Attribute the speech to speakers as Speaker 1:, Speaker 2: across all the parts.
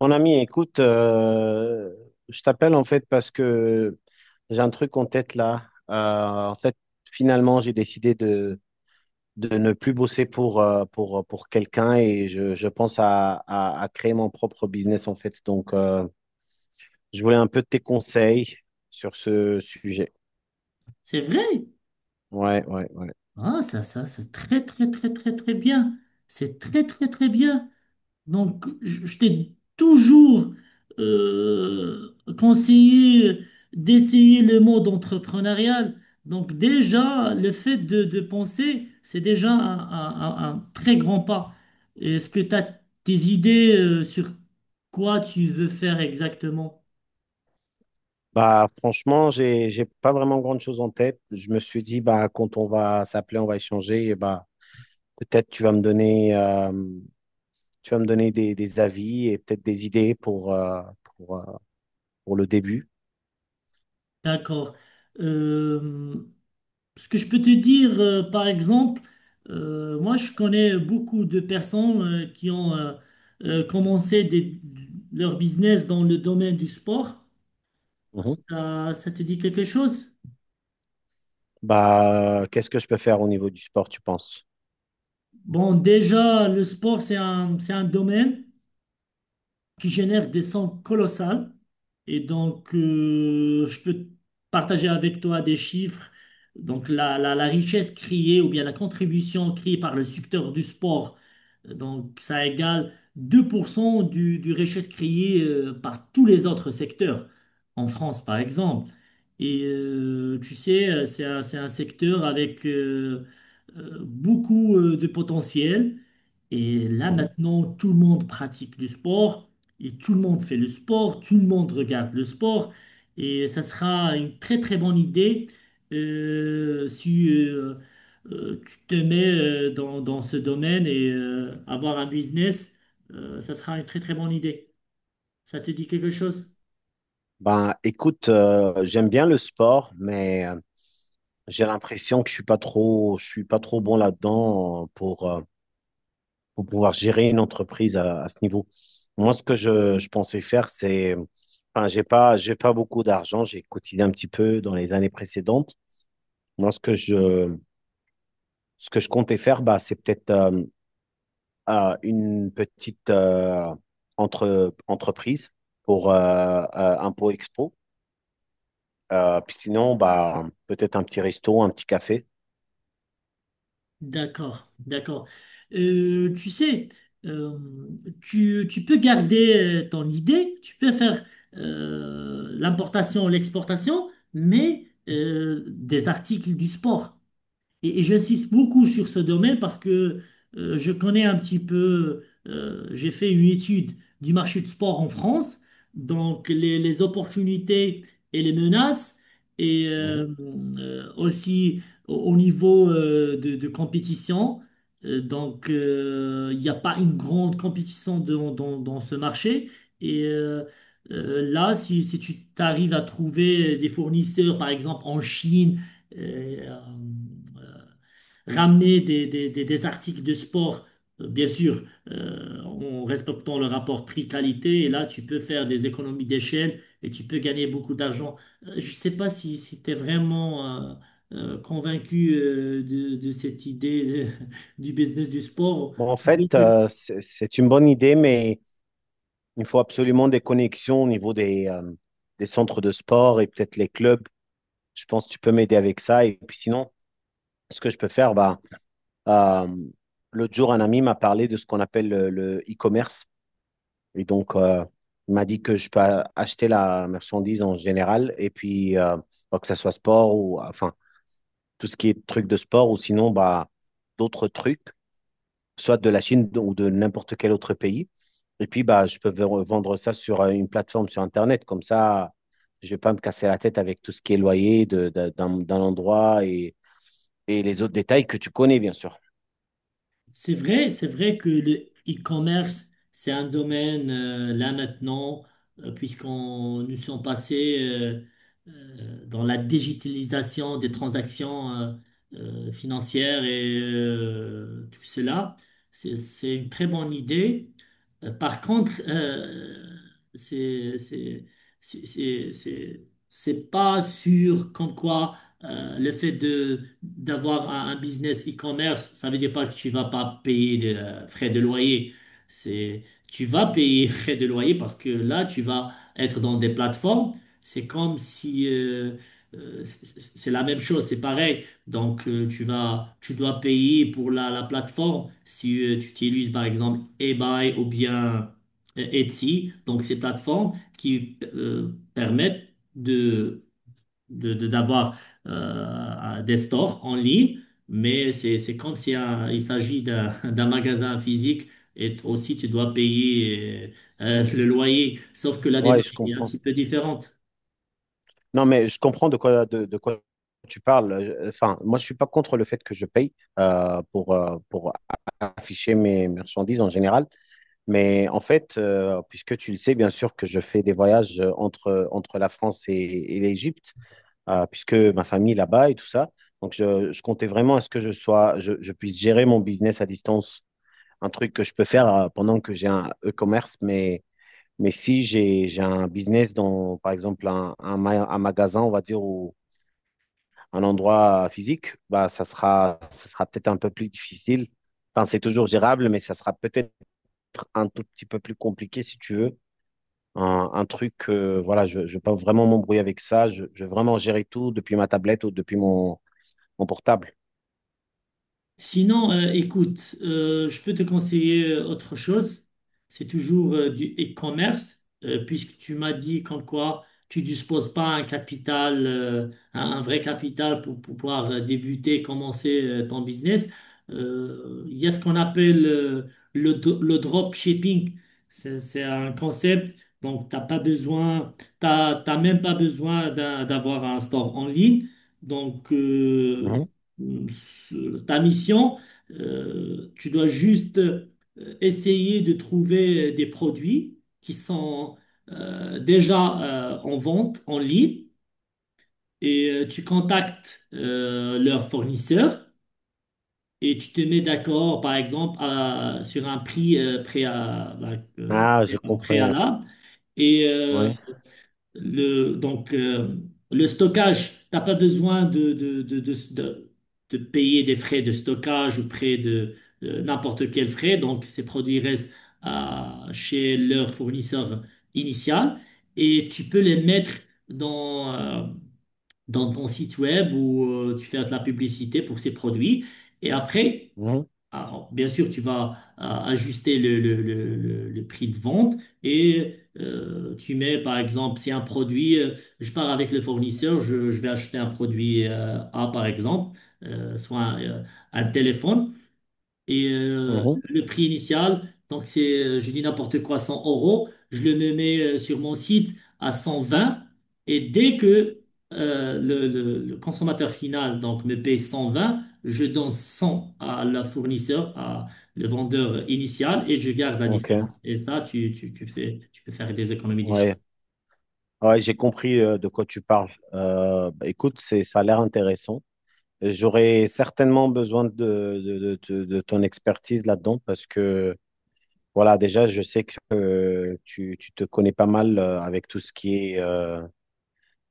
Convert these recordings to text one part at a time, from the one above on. Speaker 1: Mon ami, écoute, je t'appelle en fait parce que j'ai un truc en tête là. En fait, finalement, j'ai décidé de ne plus bosser pour quelqu'un et je pense à créer mon propre business en fait. Donc, je voulais un peu tes conseils sur ce sujet.
Speaker 2: C'est vrai?
Speaker 1: Ouais, ouais, ouais.
Speaker 2: Ah, ça, c'est très, très, très, très, très bien. C'est très, très, très bien. Donc, je t'ai toujours conseillé d'essayer le mode entrepreneurial. Donc, déjà, le fait de penser, c'est déjà un très grand pas. Est-ce que tu as tes idées sur quoi tu veux faire exactement?
Speaker 1: Bah, franchement, j'ai pas vraiment grande chose en tête. Je me suis dit, bah, quand on va s'appeler, on va échanger et bah, peut-être tu vas me donner. Tu vas me donner des avis et peut-être des idées pour, euh, pour le début.
Speaker 2: D'accord. Euh, Ce que je peux te dire, par exemple, moi je connais beaucoup de personnes qui ont commencé leur business dans le domaine du sport.
Speaker 1: Mhm.
Speaker 2: Ça te dit quelque chose?
Speaker 1: Bah, qu'est-ce que je peux faire au niveau du sport, tu penses?
Speaker 2: Bon, déjà, le sport, c'est un domaine qui génèrent des sons colossales. Et donc, je peux partager avec toi des chiffres. Donc, la richesse créée ou bien la contribution créée par le secteur du sport, donc ça égale 2% du richesse créée par tous les autres secteurs, en France par exemple. Et tu sais, c'est un secteur avec beaucoup de potentiel. Et là,
Speaker 1: Mhm.
Speaker 2: maintenant, tout le monde pratique du sport. Et tout le monde fait le sport, tout le monde regarde le sport, et ça sera une très très bonne idée si tu te mets dans ce domaine et avoir un business, ça sera une très très bonne idée. Ça te dit quelque chose?
Speaker 1: Ben, écoute, j'aime bien le sport, mais j'ai l'impression que je suis pas trop, je suis pas trop bon là-dedans pour pouvoir gérer une entreprise à ce niveau. Moi, ce que je pensais faire, c'est, enfin, j'ai pas beaucoup d'argent. J'ai cotisé un petit peu dans les années précédentes. Moi, ce que je comptais faire, bah, c'est peut-être une petite entreprise pour un pot expo. Puis sinon, bah, peut-être un petit resto, un petit café.
Speaker 2: D'accord, d'accord. Tu sais, euh, tu peux garder ton idée, tu peux faire l'importation, l'exportation, mais des articles du sport. Et j'insiste beaucoup sur ce domaine parce que je connais un petit peu, j'ai fait une étude du marché du sport en France, donc les opportunités et les menaces, et
Speaker 1: Mhm.
Speaker 2: euh, euh, aussi au niveau de compétition. Donc il n'y a pas une grande compétition dans ce marché. Et euh, Là, si tu arrives à trouver des fournisseurs, par exemple en Chine, euh, ramener des articles de sport, bien sûr, en respectant le rapport prix-qualité. Et là, tu peux faire des économies d'échelle et tu peux gagner beaucoup d'argent. Je ne sais pas si tu es vraiment convaincu de cette idée du business du sport.
Speaker 1: Bon, en fait, c'est une bonne idée, mais il faut absolument des connexions au niveau des centres de sport et peut-être les clubs. Je pense que tu peux m'aider avec ça. Et puis sinon, ce que je peux faire, bah, euh, l'autre jour, un ami m'a parlé de ce qu'on appelle le e-commerce. Et donc, il m'a dit que je peux acheter la marchandise en général. Et puis, bah, que ce soit sport ou enfin, tout ce qui est truc de sport ou sinon, bah, d'autres trucs, soit de la Chine ou de n'importe quel autre pays. Et puis, bah, je peux vendre ça sur une plateforme sur Internet. Comme ça, je ne vais pas me casser la tête avec tout ce qui est loyer d'un endroit et les autres détails que tu connais, bien sûr.
Speaker 2: C'est vrai que le e-commerce, c'est un domaine là maintenant, puisqu'on nous sommes passés dans la digitalisation des transactions financières et tout cela. C'est une très bonne idée. Par contre, c'est c'est c'est c'est- c'est- c'est pas sûr comme quoi le fait de d'avoir un business e-commerce, ça veut dire pas que tu vas pas payer de frais de loyer. C'est tu vas payer frais de loyer parce que là tu vas être dans des plateformes. C'est comme si c'est la même chose, c'est pareil. Donc tu dois payer pour la plateforme si tu utilises par exemple eBay ou bien Etsy. Donc ces plateformes qui permettent d'avoir des stores en ligne, mais c'est comme si il s'agit d'un, d'un magasin physique et aussi tu dois payer le loyer, sauf que la
Speaker 1: Ouais, je
Speaker 2: démarche est un
Speaker 1: comprends.
Speaker 2: petit peu différente.
Speaker 1: Non, mais je comprends de quoi tu parles. Enfin, moi, je suis pas contre le fait que je paye pour afficher mes marchandises en général. Mais en fait, puisque tu le sais, bien sûr que je fais des voyages entre la France et l'Égypte, puisque ma famille est là-bas et tout ça. Donc, je comptais vraiment à ce que je sois, je puisse gérer mon business à distance, un truc que je peux faire pendant que j'ai un e-commerce. Mais si j'ai un business dans, par exemple, un magasin, on va dire, ou un endroit physique, bah, ça sera peut-être un peu plus difficile. Enfin, c'est toujours gérable, mais ça sera peut-être un tout petit peu plus compliqué si tu veux. Un truc, voilà, je ne veux pas vraiment m'embrouiller avec ça. Je veux vraiment gérer tout depuis ma tablette ou depuis mon, en portable.
Speaker 2: Sinon, écoute, je peux te conseiller autre chose. C'est toujours du e-commerce, puisque tu m'as dit comme quoi tu disposes pas un capital, un vrai capital pour pouvoir débuter, commencer ton business. Il y a ce qu'on appelle le drop shipping. C'est un concept, donc t'as pas besoin, t'as même pas besoin d'avoir un store en ligne. Donc,
Speaker 1: Mhm.
Speaker 2: ta mission, tu dois juste essayer de trouver des produits qui sont déjà en vente en ligne et tu contactes leur fournisseur et tu te mets d'accord, par exemple, sur un prix
Speaker 1: Ah, j'ai
Speaker 2: en
Speaker 1: compris.
Speaker 2: préalable et
Speaker 1: Oui.
Speaker 2: le, donc, euh, le stockage, t'as pas besoin de payer des frais de stockage ou près de de n'importe quel frais. Donc, ces produits restent chez leur fournisseur initial et tu peux les mettre dans, euh, dans ton site web où tu fais de la publicité pour ces produits. Et après,
Speaker 1: Mhm.
Speaker 2: alors, bien sûr, tu vas ajuster le prix de vente et tu mets, par exemple, si un produit, je pars avec le fournisseur, je vais acheter un produit A, par exemple, euh, soit un, euh, un téléphone. Et
Speaker 1: Mhm.
Speaker 2: le prix initial, donc c'est, je dis n'importe quoi, 100 euros, je le me mets sur mon site à 120. Et dès que le consommateur final donc, me paye 120, je donne 100 à la fournisseur, à le vendeur initial, et je garde la
Speaker 1: Ok.
Speaker 2: différence. Et ça, tu fais, tu peux faire des économies d'échelle.
Speaker 1: Ouais. Ouais, j'ai compris de quoi tu parles. Bah, écoute, c'est, ça a l'air intéressant. J'aurais certainement besoin de ton expertise là-dedans parce que, voilà, déjà, je sais que tu te connais pas mal avec tout ce qui est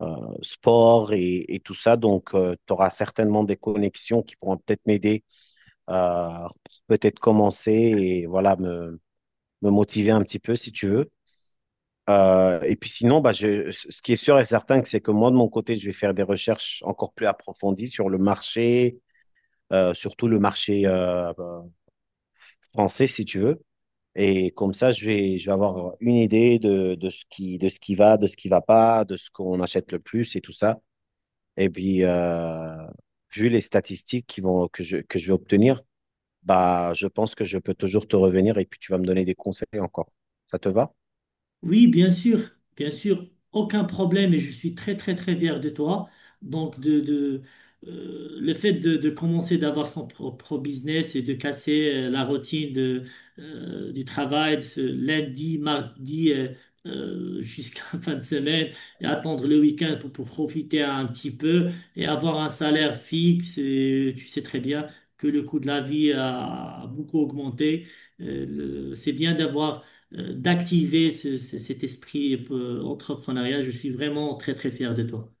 Speaker 1: euh, sport et tout ça. Donc, tu auras certainement des connexions qui pourront peut-être m'aider à peut-être commencer et, voilà, me motiver un petit peu si tu veux. Et puis sinon, bah, je, ce qui est sûr et certain, c'est que moi, de mon côté, je vais faire des recherches encore plus approfondies sur le marché, surtout le marché français, si tu veux. Et comme ça, je vais avoir une idée de ce qui va, de ce qui va pas, de ce qu'on achète le plus et tout ça. Et puis, vu les statistiques qui vont, que je vais obtenir, bah, je pense que je peux toujours te revenir et puis tu vas me donner des conseils encore. Ça te va?
Speaker 2: Oui, bien sûr, aucun problème et je suis très très très fier de toi. Donc de le fait de commencer d'avoir son propre business et de casser la routine de, du travail de ce lundi, mardi jusqu'à fin de semaine et attendre le week-end pour profiter un petit peu et avoir un salaire fixe. Et tu sais très bien que le coût de la vie a beaucoup augmenté. C'est bien d'avoir d'activer cet esprit entrepreneurial. Je suis vraiment très, très fier de toi.